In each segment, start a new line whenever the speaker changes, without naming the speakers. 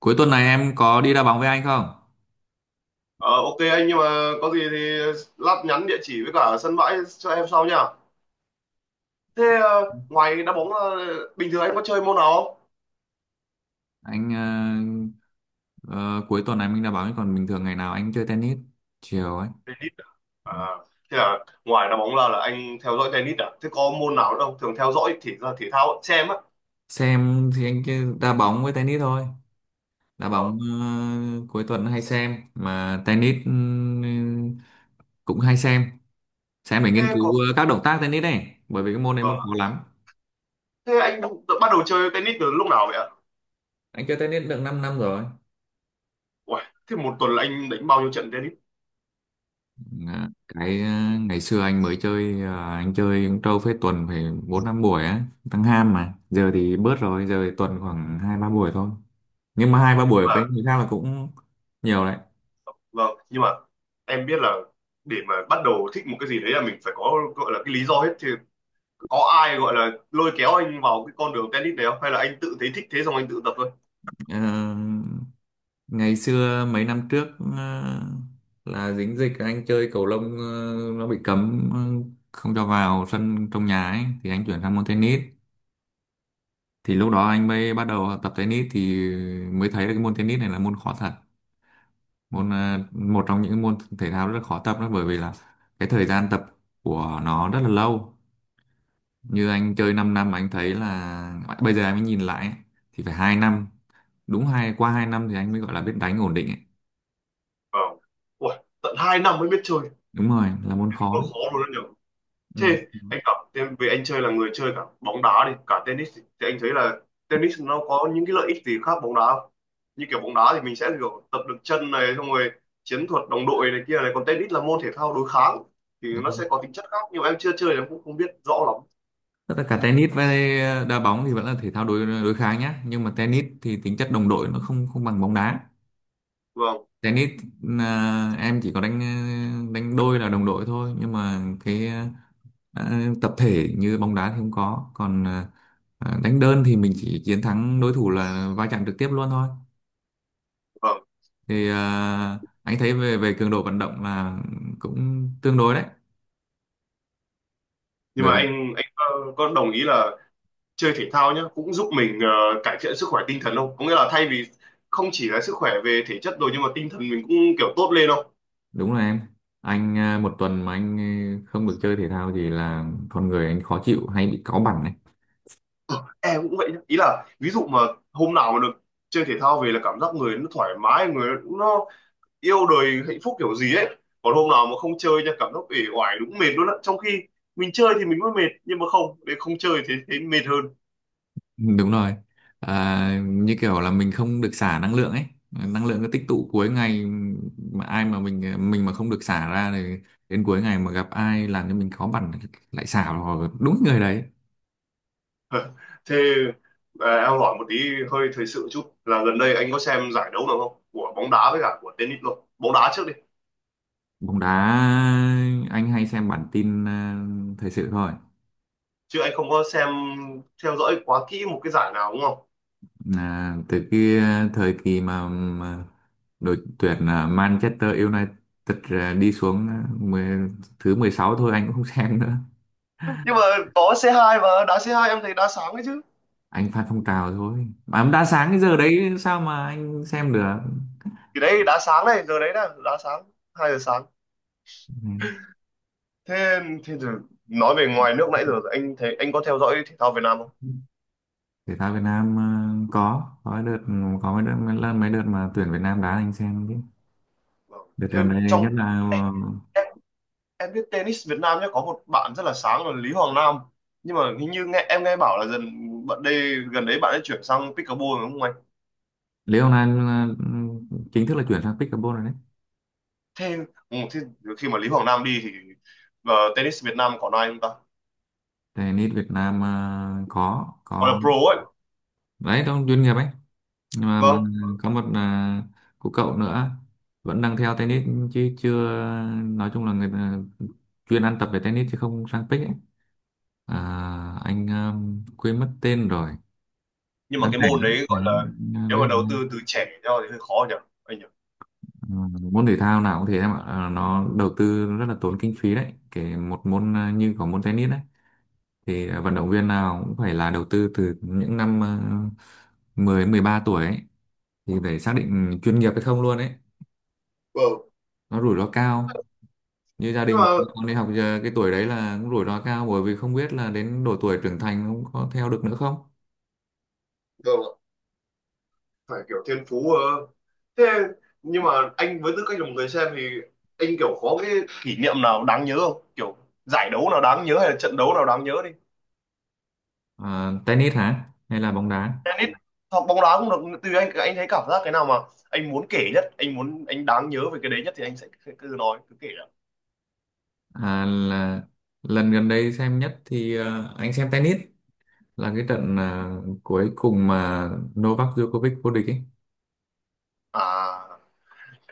Cuối tuần này em có đi đá bóng với anh không?
Ờ, ok anh, nhưng mà có gì thì lát nhắn địa chỉ với cả sân bãi cho em sau nha. Thế ngoài đá bóng bình thường anh có chơi môn nào không?
Anh ờ, cuối tuần này mình đá bóng, chứ còn bình thường ngày nào anh chơi tennis chiều ấy.
Tennis. À, thế là ngoài đá bóng là anh theo dõi tennis à? Thế có môn nào nữa không? Thường theo dõi thể ra thể thao xem á.
Xem thì anh chơi đá bóng với tennis thôi. Đá bóng
Vâng.
cuối tuần hay xem, mà tennis ừ, cũng hay xem. Xem để
Thế
nghiên
còn
cứu các động tác tennis này, bởi vì cái môn này
vâng
môn
ạ.
khó lắm.
Thế anh tự bắt đầu chơi tennis từ lúc nào vậy ạ?
Anh chơi tennis được 5 năm năm rồi.
Uầy, thế một tuần là anh đánh bao nhiêu trận tennis?
Dạ, cái ngày xưa anh mới chơi, anh chơi cũng trâu phết, tuần phải bốn năm buổi á, tăng ham, mà giờ thì bớt rồi, giờ thì tuần khoảng hai ba buổi thôi, nhưng mà hai ba
Nhưng
buổi
mà
với người khác là cũng nhiều đấy.
vâng, nhưng mà em biết là để mà bắt đầu thích một cái gì đấy là mình phải có gọi là cái lý do hết. Thì có ai gọi là lôi kéo anh vào cái con đường tennis này không, hay là anh tự thấy thích thế xong anh tự tập thôi?
Ờ, Ngày xưa mấy năm trước, ờ, là dính dịch anh chơi cầu lông, nó bị cấm, không cho vào sân trong nhà ấy, thì anh chuyển sang môn tennis. Thì lúc đó anh mới bắt đầu tập tennis, thì mới thấy là cái môn tennis này là môn khó thật, môn một trong những môn thể thao rất là khó tập đó, bởi vì là cái thời gian tập của nó rất là lâu. Như anh chơi 5 năm mà anh thấy là bây giờ anh mới nhìn lại ấy, thì phải hai năm, đúng hai qua hai năm thì anh mới gọi là biết đánh ổn định ấy.
Vâng. Ui, tận 2 năm mới biết chơi.
Đúng rồi, là môn khó
Ôi,
đấy.
khó luôn đó nhỉ.
Ừ,
Thế anh cảm thế về anh chơi là người chơi cả bóng đá đi, cả tennis đi, thì anh thấy là tennis nó có những cái lợi ích gì khác bóng đá không? Như kiểu bóng đá thì mình sẽ kiểu tập được chân này, xong rồi chiến thuật đồng đội này kia này, còn tennis là môn thể thao đối kháng thì
đúng
nó
không,
sẽ có tính chất khác, nhưng mà em chưa chơi nên em cũng không biết rõ lắm.
tất cả tennis với đá bóng thì vẫn là thể thao đối đối kháng nhá, nhưng mà tennis thì tính chất đồng đội nó không không bằng bóng đá.
Vâng.
Tennis à, em chỉ có đánh đánh đôi là đồng đội thôi, nhưng mà cái tập thể như bóng đá thì không có, còn đánh đơn thì mình chỉ chiến thắng đối thủ, là va chạm trực tiếp luôn thôi.
Vâng,
Thì à, anh thấy về về cường độ vận động là cũng tương đối đấy,
nhưng
bởi
mà
vì
anh có đồng ý là chơi thể thao nhá cũng giúp mình cải thiện sức khỏe tinh thần không? Có nghĩa là thay vì không chỉ là sức khỏe về thể chất rồi, nhưng mà tinh thần mình cũng kiểu tốt lên không?
đúng là em. Anh à, một tuần mà anh không được chơi thể thao thì là con người anh khó chịu, hay bị cáu bẳn đấy.
Ờ, em cũng vậy nhá. Ý là ví dụ mà hôm nào mà được chơi thể thao về là cảm giác người nó thoải mái, người nó yêu đời hạnh phúc kiểu gì ấy. Còn hôm nào mà không chơi nha, cảm giác uể oải, đúng mệt luôn á, trong khi mình chơi thì mình mới mệt, nhưng mà không để không chơi thì thấy mệt hơn.
Đúng rồi. À, như kiểu là mình không được xả năng lượng ấy. Năng lượng cứ tích tụ cuối ngày, mà ai mà mình mà không được xả ra thì đến cuối ngày mà gặp ai làm cho mình khó bản, lại xả vào đúng người đấy.
Thế em hỏi một tí hơi thời sự chút là gần đây anh có xem giải đấu nào không? Của bóng đá với cả của tennis luôn. Bóng đá trước đi.
Bóng đá anh hay xem bản tin à, thời sự thôi.
Chứ anh không có xem theo dõi quá kỹ một cái giải nào đúng không?
À, từ kia, thời kỳ mà, đội tuyển à, Manchester United à, đi xuống à, thứ 16 thôi anh cũng không xem nữa.
Nhưng mà có C2, mà đá C2 em thấy đá sáng đấy chứ.
Anh Phan Phong Trào thôi, mà ông đã sáng cái giờ đấy sao mà anh xem được.
Thì đấy đá sáng này, giờ đấy nè, đá sáng, 2 giờ sáng.
Ừ.
Thế thế giờ nói về ngoài nước nãy giờ anh thấy, anh có theo dõi thể thao Việt Nam không?
Thể thao Việt Nam có cái đợt, có mấy đợt mấy lần mấy đợt mà tuyển Việt Nam đá anh xem chứ.
Vâng.
Đợt
Thế
gần đây
trong
nhất là ờ,
em biết tennis Việt Nam nhé, có một bạn rất là sáng là Lý Hoàng Nam, nhưng mà hình như nghe em nghe bảo là dần bạn đây gần đấy bạn ấy chuyển sang pickleball, đúng không anh?
Lý Hồng Anh chính thức là chuyển sang pickleball rồi đấy.
Thế, ừ, thế khi mà Lý Hoàng Nam đi thì tennis Việt Nam còn ai không ta,
Tennis Việt Nam có
gọi là
có
pro ấy?
đấy, trong chuyên nghiệp ấy, nhưng mà bà,
Vâng,
có một cô cậu nữa vẫn đang theo tennis, chứ chưa, nói chung là người ta chuyên ăn tập về tennis chứ không sang pick ấy. À, anh quên mất tên rồi.
nhưng mà
Đáng
cái
lẽ
môn
lắm
đấy
là
gọi là
anh,
nếu
Lê
mà
Hồng
đầu
Anh.
tư từ trẻ cho thì hơi khó nhỉ anh nhỉ.
Ờ, môn thể thao nào cũng thế em ạ. Ờ, nó đầu tư rất là tốn kinh phí đấy. Kể một môn như có môn tennis đấy thì vận động viên nào cũng phải là đầu tư từ những năm uh, 10 13 tuổi ấy, thì phải xác định chuyên nghiệp hay không luôn ấy.
Vâng.
Nó rủi ro cao. Như gia
Nhưng
đình
mà
mà con đi học giờ cái tuổi đấy là cũng rủi ro cao, bởi vì không biết là đến độ tuổi trưởng thành cũng có theo được nữa không.
vâng ạ, phải kiểu thiên phú ờ. Thế nhưng mà anh với tư cách là một người xem thì anh kiểu có cái kỷ niệm nào đáng nhớ không, kiểu giải đấu nào đáng nhớ hay là trận đấu nào đáng nhớ?
Ờ, tennis hả? Hay là bóng đá?
Tennis hoặc bóng đá cũng được, tùy anh thấy cảm giác cái nào mà anh muốn kể nhất, anh muốn anh đáng nhớ về cái đấy nhất thì anh sẽ cứ cứ nói cứ kể ạ.
À, là lần gần đây xem nhất thì ờ, anh xem tennis là cái trận cuối cùng mà Novak Djokovic vô địch ấy.
À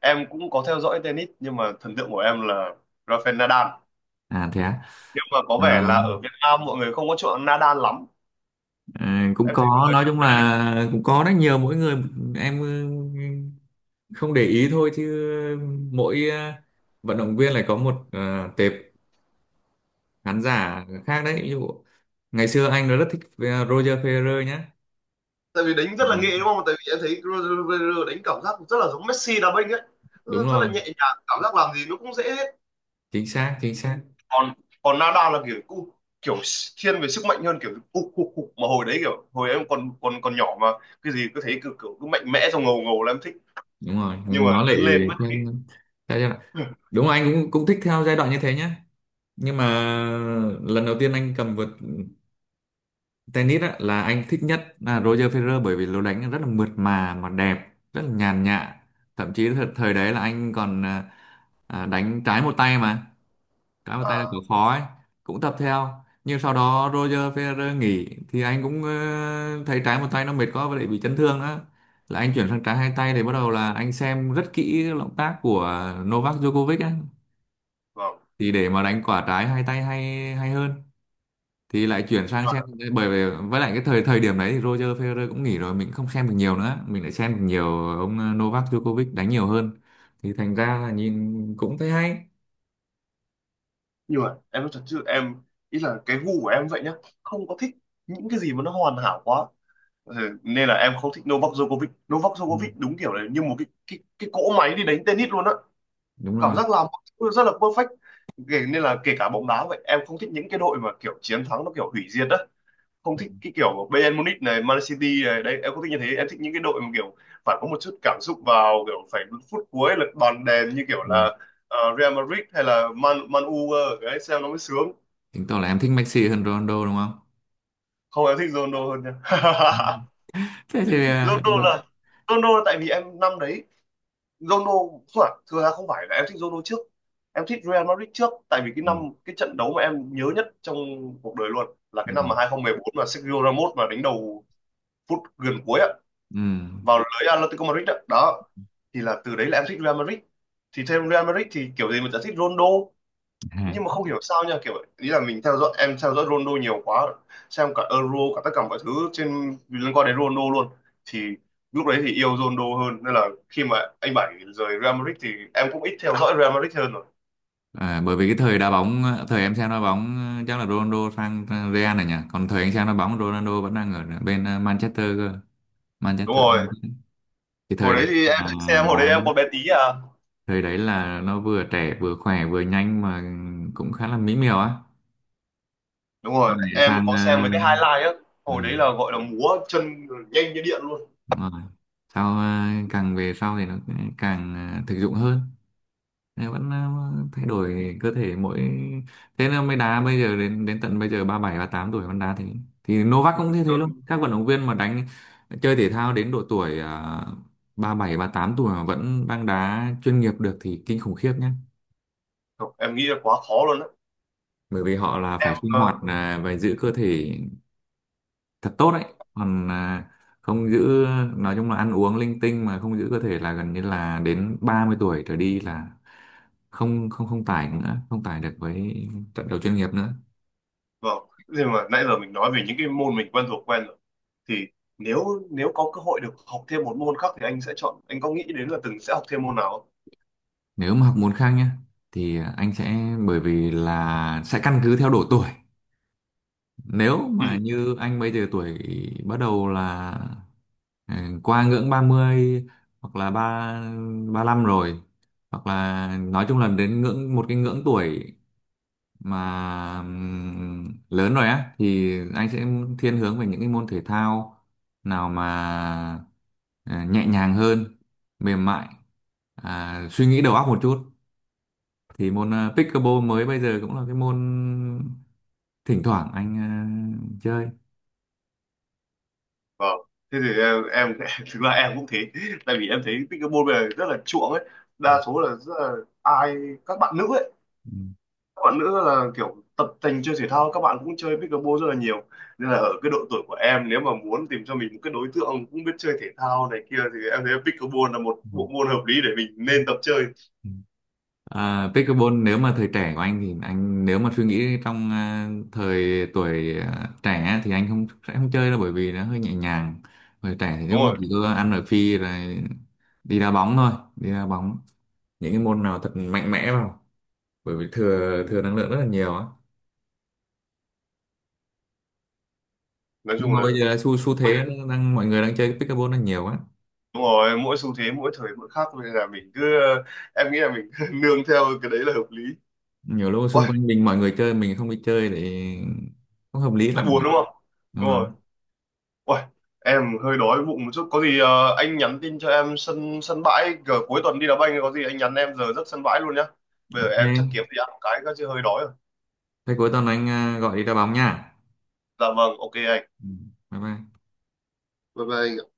Em cũng có theo dõi tennis nhưng mà thần tượng của em là Rafael Nadal.
À thế á.
Nhưng mà có
Ờ,
vẻ là ở Việt Nam mọi người không có chuộng Nadal lắm.
ờ, Cũng
Em thấy mọi
có,
người
nói
thích
chung
Federer
là cũng có rất nhiều, mỗi người em ừ, không để ý thôi, chứ mỗi vận động viên lại có một tệp khán giả khác đấy. Ví dụ ngày xưa anh rất thích Roger Federer nhá.
tại vì đánh rất là
À,
nghệ đúng không, tại vì em thấy Federer đánh cảm giác rất là giống Messi đá banh ấy, rất
đúng
rất
rồi,
là nhẹ nhàng, cảm giác làm gì nó cũng dễ.
chính xác, chính xác.
Còn còn Nada là kiểu cũng kiểu thiên về sức mạnh hơn, kiểu ục ục ục, mà hồi đấy kiểu hồi em còn còn còn nhỏ mà cái gì cứ thấy cứ kiểu cứ mạnh mẽ xong ngầu ngầu là em thích.
Đúng rồi,
Nhưng mà
nó lại
lớn lên mất.
thiên- theo giai đoạn. Đúng rồi, anh cũng cũng thích theo giai đoạn như thế nhá, nhưng mà lần đầu tiên anh cầm vợt tennis á, là anh thích nhất là Roger Federer, bởi vì lối đánh rất là mượt mà đẹp, rất là nhàn nhã. Thậm chí thời đấy là anh còn đánh trái một tay, mà cái bàn tay là cửa
À
khó ấy, cũng tập theo. Nhưng sau đó Roger Federer nghỉ thì anh cũng thấy trái một tay nó mệt quá, và lại bị chấn thương đó, là anh chuyển sang trái hai tay. Để bắt đầu là anh xem rất kỹ cái động tác của Novak Djokovic ấy,
vâng,
thì để mà đánh quả trái hai tay hay hay hơn, thì lại chuyển sang xem. Bởi vì với lại cái thời thời điểm đấy thì Roger Federer cũng nghỉ rồi, mình không xem được nhiều nữa, mình lại xem được nhiều ông Novak Djokovic đánh nhiều hơn, thì thành ra là nhìn cũng thấy hay.
nhưng mà em nói thật chứ em ý là cái gu của em vậy nhá, không có thích những cái gì mà nó hoàn hảo quá. Ừ, nên là em không thích Novak Djokovic. Novak
Ừ,
Djokovic đúng kiểu là như một cái cỗ máy đi đánh tennis luôn á,
đúng
cảm
rồi.
giác làm mọi thứ rất là perfect. Nên là kể cả bóng đá vậy, em không thích những cái đội mà kiểu chiến thắng nó kiểu hủy diệt á. Không thích cái kiểu của Bayern Munich này, Man City này, đây. Em không thích như thế, em thích những cái đội mà kiểu phải có một chút cảm xúc vào, kiểu phải đến phút cuối là đòn đèn, như kiểu
Ừ.
là Real Madrid hay là Man Man U cơ, đấy xem nó mới sướng.
Chứng tỏ là em thích Messi hơn Ronaldo đúng không?
Không, em thích Ronaldo hơn nha.
Ừ. Thế thì à,
Ronaldo
đội.
là Ronaldo là tại vì em năm đấy Ronaldo không phải, thực ra không phải là em thích Ronaldo trước. Em thích Real Madrid trước tại vì cái
Ừ.
năm, cái trận đấu mà em nhớ nhất trong cuộc đời luôn là cái
Ừ.
năm mà 2014 mà Sergio Ramos mà đánh đầu phút gần cuối ạ,
Ừ.
vào lưới Atletico Madrid đó. Đó thì là từ đấy là em thích Real Madrid, thì theo Real Madrid thì kiểu gì mình sẽ thích Ronaldo.
À,
Nhưng mà không hiểu sao nha, kiểu ý là mình theo dõi em theo dõi Ronaldo nhiều quá, xem cả Euro cả tất cả mọi thứ trên liên quan đến Ronaldo luôn, thì lúc đấy thì yêu Ronaldo hơn nên là khi mà anh Bảy rời Real Madrid thì em cũng ít theo dõi Real Madrid hơn rồi.
Bởi vì cái thời đá bóng, thời em xem đá bóng ờ, chắc là Ronaldo sang Real này nhỉ, còn thời anh xem đá bóng Ronaldo vẫn đang ở bên Manchester cơ,
Đúng
Manchester
rồi,
United. Cái
hồi
thời đấy
đấy thì em
là
thích xem, hồi
đá,
đấy em còn bé tí à.
thời đấy là nó vừa trẻ vừa khỏe vừa nhanh mà, cũng khá là mỹ miều á.
Đúng
Sau
rồi
này
em
sang
có
ờ,
xem mấy cái highlight á,
ừ,
hồi đấy là gọi là múa chân nhanh như điện luôn.
đúng rồi. Sau càng về sau thì nó càng thực dụng hơn. Này vẫn thay đổi cơ thể mỗi, thế nên mới đá bây giờ đến đến tận bây giờ ba bảy ba tám tuổi vẫn đá thế. Thì Novak cũng như thế luôn.
Trời,
Các vận động viên mà chơi thể thao đến độ tuổi ba bảy ba tám tuổi mà vẫn đang đá chuyên nghiệp được thì kinh khủng khiếp nhé.
em nghĩ là quá khó luôn á.
Bởi vì họ là phải sinh
Ờ,
hoạt à, và giữ cơ thể thật tốt đấy. Còn à, không giữ, nói chung là ăn uống linh tinh mà không giữ cơ thể là gần như là đến 30 tuổi trở đi là không không không tải nữa, không tải được với trận đấu chuyên nghiệp nữa.
vâng. Nhưng mà nãy giờ mình nói về những cái môn mình quen thuộc quen rồi, thì nếu nếu có cơ hội được học thêm một môn khác thì anh sẽ chọn, anh có nghĩ đến là từng sẽ học thêm môn nào không?
Nếu mà học môn khác nhá, thì anh sẽ, bởi vì là sẽ căn cứ theo độ tuổi. Nếu
Ừ,
mà như anh bây giờ tuổi bắt đầu là ừ, qua ngưỡng ba mươi, hoặc là 35 rồi, hoặc là nói chung là đến ngưỡng một cái ngưỡng tuổi mà lớn rồi á, thì anh sẽ thiên hướng về những cái môn thể thao nào mà ờ, nhẹ nhàng hơn, mềm mại, à, suy nghĩ đầu óc một chút. Thì môn pickleball mới bây giờ cũng là cái môn thỉnh thoảng anh chơi.
vâng. Thế thì em thực ra em cũng thế, tại vì em thấy cái môn này rất là chuộng ấy, đa số là, rất là ai các bạn nữ ấy,
Ừ.
các bạn nữ là kiểu tập tành chơi thể thao, các bạn cũng chơi pickleball rất là nhiều, nên là ở cái độ tuổi của em nếu mà muốn tìm cho mình một cái đối tượng cũng biết chơi thể thao này kia thì em thấy pickleball là một bộ môn hợp lý để mình nên tập chơi.
Ừ. À, pickleball nếu mà thời trẻ của anh thì anh, nếu mà suy nghĩ trong à, thời tuổi à, trẻ thì anh không, sẽ không chơi đâu, bởi vì nó hơi nhẹ nhàng. Thời trẻ thì
Đúng
lúc nào
rồi,
chỉ có ăn ở phi rồi đi đá bóng thôi, đi đá bóng những cái môn nào thật mạnh mẽ vào, bởi vì thừa thừa năng lượng rất là nhiều á.
nói
Nhưng
chung
mà
là
bây giờ là xu xu thế nó đang, mọi người đang chơi pickleball đang nhiều á.
đúng rồi, mỗi xu thế mỗi thời mỗi khác nên là mình cứ em nghĩ là mình cứ nương theo cái đấy là hợp lý.
Nhiều lúc xung
Uầy,
quanh mình mọi người chơi, mình không đi chơi thì không hợp lý
lại
lắm,
buồn đúng không?
đúng
Đúng rồi.
không?
Uầy, em hơi đói bụng một chút, có gì anh nhắn tin cho em sân sân bãi cỡ cuối tuần đi đá banh, có gì anh nhắn em giờ giấc sân bãi luôn nhá. Bây giờ em chắc kiếm
OK,
gì ăn một cái chứ hơi đói rồi.
thế cuối tuần anh à, gọi đi đá bóng nha.
Dạ vâng, ok anh.
Ừ. Bye bye.
Bye bye anh.